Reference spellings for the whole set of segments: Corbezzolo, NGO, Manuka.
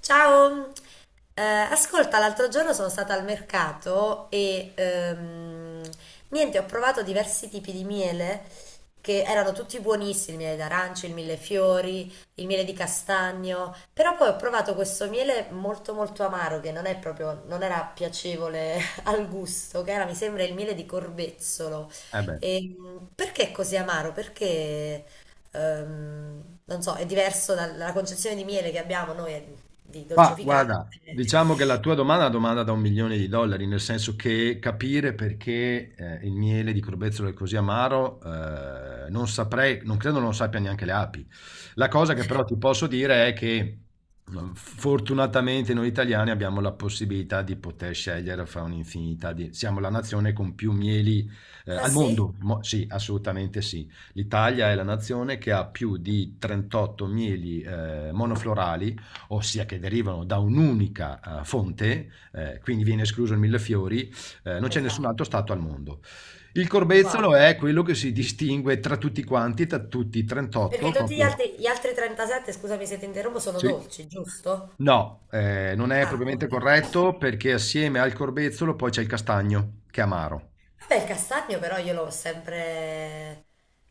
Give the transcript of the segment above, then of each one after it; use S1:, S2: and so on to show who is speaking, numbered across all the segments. S1: Ciao. Ascolta, l'altro giorno sono stata al mercato e niente, ho provato diversi tipi di miele che erano tutti buonissimi: il miele d'arancio, il millefiori, il miele di castagno. Però poi ho provato questo miele molto molto amaro che non è proprio, non era piacevole al gusto, che era, mi sembra, il miele di corbezzolo.
S2: Eh beh,
S1: E perché è così amaro? Perché non so, è diverso dalla concezione di miele che abbiamo noi, di
S2: ma
S1: dolcificante.
S2: guarda, diciamo che la tua domanda è una domanda da un milione di dollari, nel senso che capire perché il miele di Corbezzolo è così amaro, non saprei, non credo non lo sappia neanche le api. La cosa che però ti posso dire è che fortunatamente noi italiani abbiamo la possibilità di poter scegliere fra un'infinità di... Siamo la nazione con più mieli
S1: Ah
S2: al
S1: sì?
S2: mondo. Sì, assolutamente sì. L'Italia è la nazione che ha più di 38 mieli monoflorali, ossia che derivano da un'unica fonte, quindi viene escluso il millefiori, Non c'è nessun
S1: Esatto.
S2: altro stato al mondo. Il corbezzolo
S1: Wow.
S2: è quello che si distingue tra tutti quanti, tra tutti i
S1: Perché
S2: 38,
S1: tutti gli
S2: proprio...
S1: altri, 37, scusami se ti interrompo, sono
S2: Sì.
S1: dolci, giusto?
S2: No, non è
S1: Ah, ok.
S2: propriamente corretto perché assieme al corbezzolo poi c'è il castagno, che è amaro.
S1: Vabbè, il castagno però io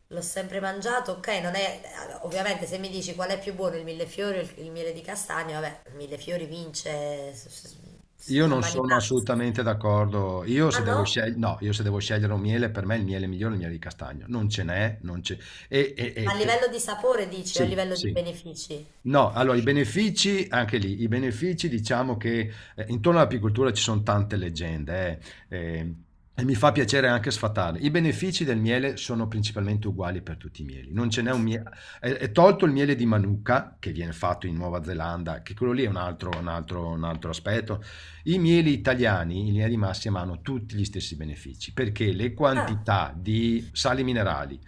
S1: l'ho sempre mangiato. Ok, non è, allora, ovviamente se mi dici qual è più buono il millefiori o il miele di castagno, vabbè, il millefiori vince
S2: Io
S1: a
S2: non
S1: mani
S2: sono
S1: basse.
S2: assolutamente d'accordo. Io
S1: Ah
S2: se devo
S1: no?
S2: scegliere, no, io se devo scegliere un miele, per me il miele migliore è il miele di castagno. Non ce n'è, non c'è. E, e-
S1: Ma a
S2: e te-
S1: livello di sapore dici o a
S2: Sì,
S1: livello di
S2: sì.
S1: benefici?
S2: No, allora i benefici, anche lì, i benefici diciamo che intorno all'apicoltura ci sono tante leggende, eh, eh, e mi fa piacere anche sfatarle. I benefici del miele sono principalmente uguali per tutti i mieli. Non ce n'è un miele, è tolto il miele di Manuka che viene fatto in Nuova Zelanda, che quello lì è un altro aspetto. I mieli italiani in linea di massima hanno tutti gli stessi benefici perché le
S1: Ah,
S2: quantità di sali minerali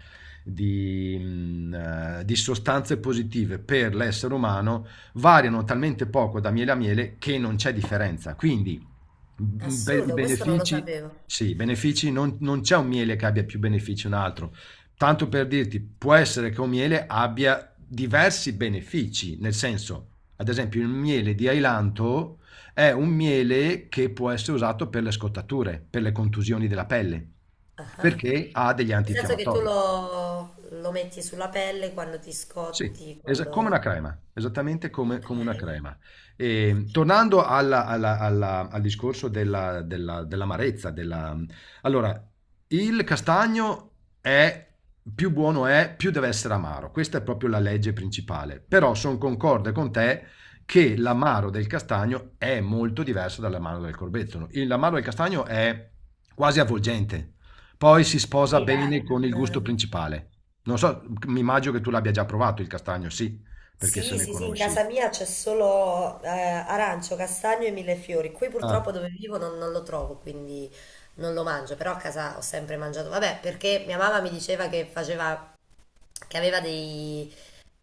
S2: di, mh, di sostanze positive per l'essere umano variano talmente poco da miele a miele che non c'è differenza. Quindi i
S1: assurdo, questo non lo
S2: benefici,
S1: sapevo.
S2: sì, i benefici non c'è un miele che abbia più benefici di un altro. Tanto per dirti, può essere che un miele abbia diversi benefici, nel senso, ad esempio, il miele di ailanto è un miele che può essere usato per le scottature, per le contusioni della pelle,
S1: Ah.
S2: perché ha degli
S1: Nel senso che tu
S2: antinfiammatori.
S1: lo, lo metti sulla pelle quando ti
S2: Sì,
S1: scotti,
S2: come una
S1: quando...
S2: crema, esattamente
S1: Ok.
S2: come una crema. E, tornando al discorso dell'amarezza, della... allora, il castagno è più buono è, più deve essere amaro. Questa è proprio la legge principale. Però sono concorde con te che l'amaro del castagno è molto diverso dall'amaro del corbezzolo. L'amaro del castagno è quasi avvolgente, poi si sposa
S1: Sì,
S2: bene
S1: dai,
S2: con il gusto
S1: non...
S2: principale. Non so, mi immagino che tu l'abbia già provato il castagno, sì, perché se
S1: Sì,
S2: ne
S1: sì, sì, in
S2: conosci.
S1: casa mia c'è solo arancio, castagno e millefiori. Qui
S2: Ah,
S1: purtroppo dove vivo non lo trovo, quindi non lo mangio, però a casa ho sempre mangiato. Vabbè, perché mia mamma mi diceva che faceva, che aveva dei,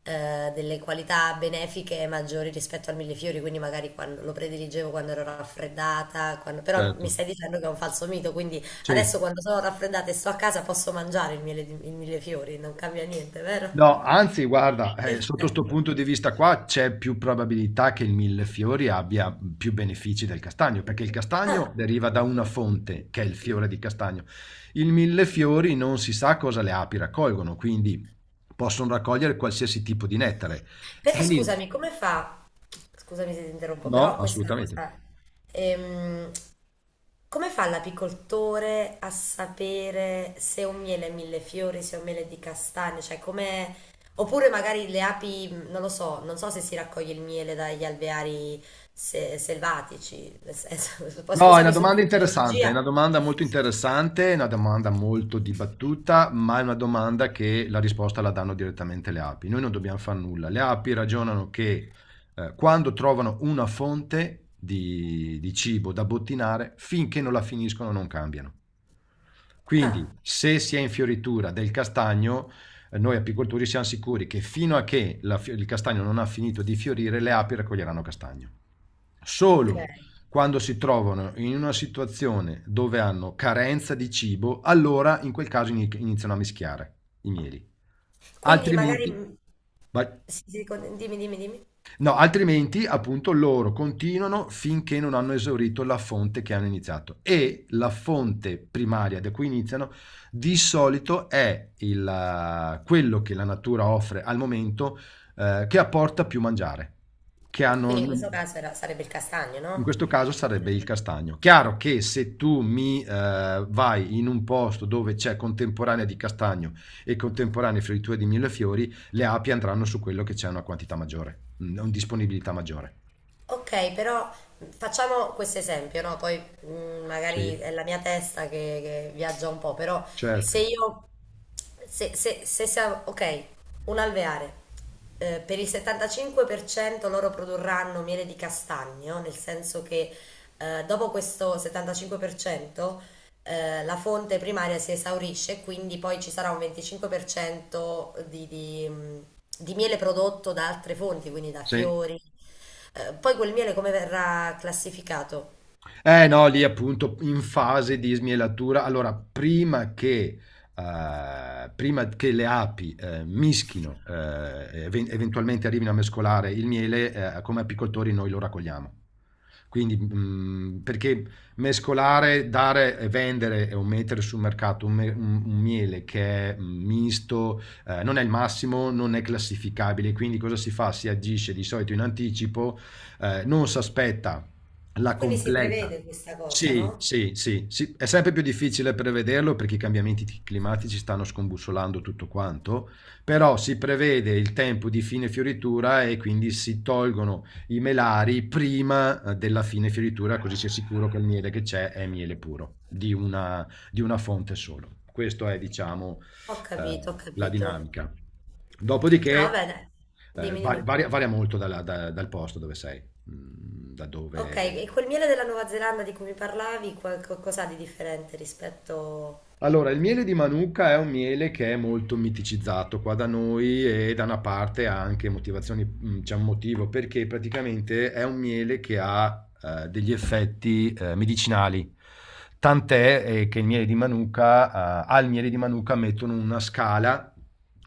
S1: eh, delle qualità benefiche maggiori rispetto al millefiori, quindi magari lo prediligevo quando ero raffreddata, però mi
S2: certo.
S1: stai dicendo che è un falso mito, quindi
S2: Sì.
S1: adesso quando sono raffreddata e sto a casa posso mangiare il millefiori, non cambia niente,
S2: No,
S1: vero?
S2: anzi, guarda, sotto sto
S1: Perfetto.
S2: punto di vista qua c'è più probabilità che il millefiori abbia più benefici del castagno, perché il castagno
S1: Ah.
S2: deriva da una fonte, che è il fiore di castagno. Il millefiori non si sa cosa le api raccolgono, quindi possono raccogliere qualsiasi tipo di nettare.
S1: Però
S2: E lì,
S1: scusami, come fa? Scusami se ti interrompo,
S2: no,
S1: però questa è una
S2: assolutamente.
S1: cosa. ehm, Come fa l'apicoltore a sapere se un miele è millefiori, se è un miele è di castagne? Cioè, come. Oppure magari le api, non lo so, non so se si raccoglie il miele dagli alveari selvatici, poi
S2: No, è una
S1: scusami sulla
S2: domanda interessante, è una
S1: terminologia.
S2: domanda molto interessante, è una domanda molto dibattuta, ma è una domanda che la risposta la danno direttamente le api. Noi non dobbiamo fare nulla. Le api ragionano che quando trovano una fonte di cibo da bottinare, finché non la finiscono non cambiano.
S1: Ah,
S2: Quindi, se si è in fioritura del castagno, noi apicoltori siamo sicuri che fino a che il castagno non ha finito di fiorire, le api raccoglieranno castagno.
S1: ok.
S2: Solo quando si trovano in una situazione dove hanno carenza di cibo, allora in quel caso iniziano a mischiare i mieli.
S1: Quindi magari.
S2: Altrimenti, vai-
S1: Sì, sì, dimmi, dimmi, dimmi.
S2: no, altrimenti appunto loro continuano finché non hanno esaurito la fonte che hanno iniziato. E la fonte primaria da cui iniziano di solito è quello che la natura offre al momento, che apporta più mangiare, che
S1: Quindi in questo
S2: hanno...
S1: caso sarebbe il castagno,
S2: In
S1: no?
S2: questo caso sarebbe
S1: Eh.
S2: il castagno. Chiaro che se tu mi vai in un posto dove c'è contemporanea di castagno e contemporanea fioritura di millefiori, le api andranno su quello che c'è una quantità maggiore, una disponibilità maggiore.
S1: Ok, però facciamo questo esempio, no? Poi
S2: Sì,
S1: magari è la mia testa che viaggia un po', però se
S2: certo.
S1: io se, se, se siamo, ok, un alveare, per il 75% loro produrranno miele di castagno, nel senso che, dopo questo 75%, la fonte primaria si esaurisce, quindi poi ci sarà un 25% di miele prodotto da altre fonti, quindi da
S2: Sì.
S1: fiori. Poi quel miele come verrà classificato?
S2: Eh no, lì appunto in fase di smielatura. Allora, prima che le api mischino, eventualmente arrivino a mescolare il miele, come apicoltori noi lo raccogliamo. Quindi, perché mescolare, dare e vendere o mettere sul mercato un miele che è misto, non è il massimo, non è classificabile. Quindi cosa si fa? Si agisce di solito in anticipo, non si aspetta la
S1: Quindi si
S2: completa.
S1: prevede questa cosa,
S2: Sì,
S1: no?
S2: sì, sì, sì. È sempre più difficile prevederlo perché i cambiamenti climatici stanno scombussolando tutto quanto, però si prevede il tempo di fine fioritura e quindi si tolgono i melari prima della fine fioritura, così si è sicuro che il miele che c'è è miele puro, di una fonte solo. Questa è, diciamo,
S1: Ho
S2: eh,
S1: capito, ho
S2: la
S1: capito.
S2: dinamica.
S1: No,
S2: Dopodiché
S1: vabbè, dai. Dimmi, dimmi.
S2: varia molto dal posto dove sei, da
S1: Ok,
S2: dove.
S1: e quel miele della Nuova Zelanda di cui mi parlavi, cos'ha di differente rispetto...
S2: Allora, il miele di Manuka è un miele che è molto miticizzato qua da noi e da una parte ha anche motivazioni, c'è un motivo perché praticamente è un miele che ha degli effetti medicinali. Tant'è che il miele di Manuka, al miele di Manuka mettono una scala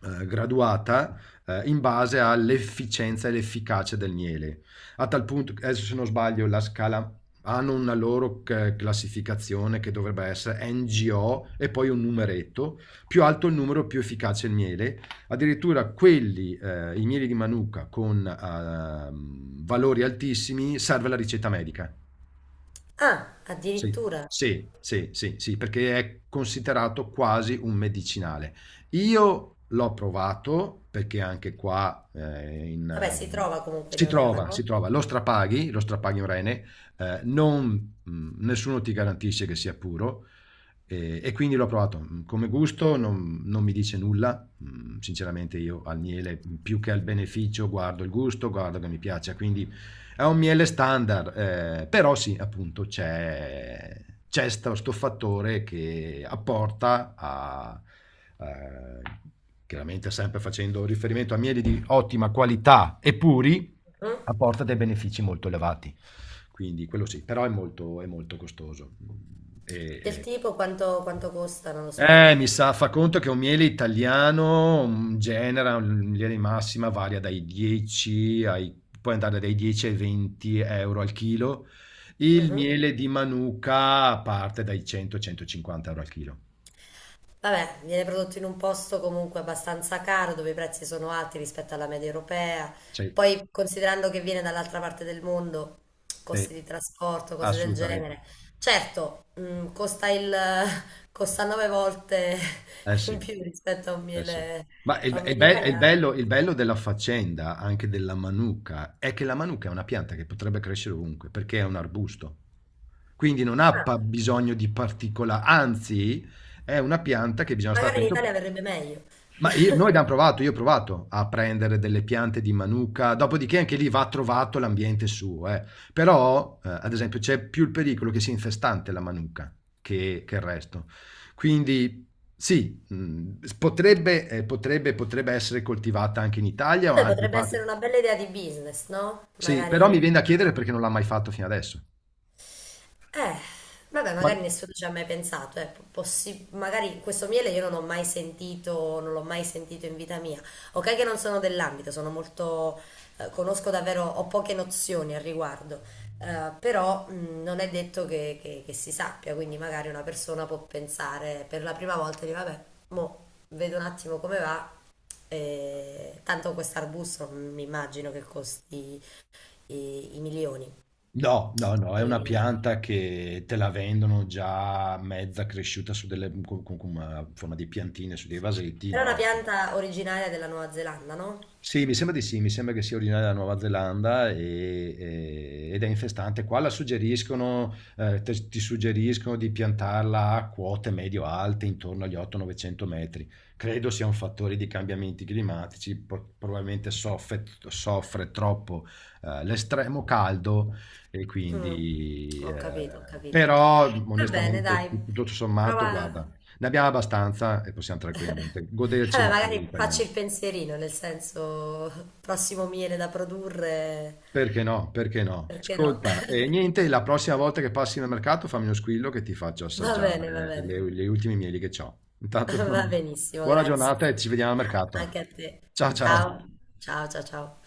S2: graduata in base all'efficienza e l'efficacia del miele. A tal punto, adesso se non sbaglio, la scala hanno una loro classificazione che dovrebbe essere NGO e poi un numeretto, più alto il numero più efficace il miele, addirittura quelli, i mieli di Manuka con valori altissimi serve la ricetta medica.
S1: Ah,
S2: Sì,
S1: addirittura.
S2: sì, sì, sì, sì, perché è considerato quasi un medicinale. Io l'ho provato perché anche qua
S1: Vabbè, si trova comunque in Europa,
S2: si
S1: no?
S2: trova, lo strapaghi un rene, nessuno ti garantisce che sia puro, e quindi l'ho provato. Come gusto non mi dice nulla. Sinceramente io al miele più che al beneficio guardo il gusto, guardo che mi piaccia, quindi è un miele standard, però sì, appunto c'è sto fattore che apporta a... eh, chiaramente sempre facendo riferimento a mieli di ottima qualità e puri,
S1: Mm?
S2: apporta dei benefici molto elevati. Quindi quello sì, però è molto costoso. E,
S1: Del
S2: e
S1: tipo quanto costa, non lo so, un...
S2: mi sa, fa conto che un miele italiano, genera in linea di massima varia dai 10 ai puoi andare dai 10 ai 20 € al chilo. Il
S1: Mhm.
S2: miele di Manuka parte dai 100, 150 € al chilo.
S1: Vabbè, viene prodotto in un posto comunque abbastanza caro, dove i prezzi sono alti rispetto alla media europea.
S2: Sì,
S1: Poi, considerando che viene dall'altra parte del mondo,
S2: sì.
S1: costi di trasporto, cose del
S2: Assolutamente.
S1: genere. Certo, costa nove volte
S2: Eh
S1: in
S2: sì.
S1: più rispetto a un
S2: Eh sì.
S1: miele,
S2: Ma
S1: italiano.
S2: il bello della faccenda, anche della manuka, è che la manuka è una pianta che potrebbe crescere ovunque, perché è un arbusto. Quindi non ha pa
S1: Ah,
S2: bisogno di particola anzi è una pianta che bisogna stare
S1: magari in Italia
S2: attento,
S1: verrebbe meglio.
S2: ma noi abbiamo provato, io ho provato a prendere delle piante di Manuka, dopodiché anche lì va trovato l'ambiente suo, eh. Però, ad esempio, c'è più il pericolo che sia infestante la Manuka che il resto. Quindi, sì, potrebbe essere coltivata anche in Italia o in
S1: Vabbè,
S2: altre
S1: potrebbe
S2: parti.
S1: essere una bella idea di business, no?
S2: Sì, però
S1: Magari
S2: mi viene da
S1: fare una
S2: chiedere perché
S1: piattaforma.
S2: non l'ha mai fatto fino adesso.
S1: Eh, vabbè, magari
S2: Qual-
S1: nessuno ci ha mai pensato, eh. Magari questo miele io non ho mai sentito, non l'ho mai sentito in vita mia. Ok che non sono dell'ambito, conosco davvero, ho poche nozioni al riguardo. Però non è detto che si sappia, quindi magari una persona può pensare per la prima volta di vabbè, mo vedo un attimo come va, tanto questo arbusto mi immagino che costi i milioni.
S2: No, no, no, è una
S1: E-
S2: pianta che te la vendono già mezza cresciuta su con una forma di piantine, su dei vasetti,
S1: Era una
S2: no.
S1: pianta originaria della Nuova Zelanda, no?
S2: Sì, mi sembra di sì, mi sembra che sia originaria della Nuova Zelanda ed è infestante. Qua la suggeriscono, ti suggeriscono di piantarla a quote medio-alte, intorno agli 800-900 metri. Credo sia un fattore di cambiamenti climatici, probabilmente soffre troppo l'estremo caldo e
S1: Mm,
S2: quindi...
S1: ho capito, ho capito.
S2: però
S1: Va bene,
S2: onestamente
S1: dai,
S2: tutto sommato, guarda,
S1: prova.
S2: ne abbiamo abbastanza e possiamo tranquillamente goderci i
S1: Vabbè,
S2: nostri
S1: magari
S2: italiani.
S1: facci il pensierino, nel senso, prossimo miele da produrre,
S2: Perché no? Perché no?
S1: perché no?
S2: Ascolta, e niente, la prossima volta che passi nel mercato fammi uno squillo che ti faccio
S1: Va
S2: assaggiare
S1: bene,
S2: le ultime mieli che ho. Intanto,
S1: va benissimo,
S2: buona
S1: grazie.
S2: giornata e ci vediamo al mercato.
S1: Anche a te.
S2: Ciao ciao.
S1: Ciao, ciao, ciao, ciao.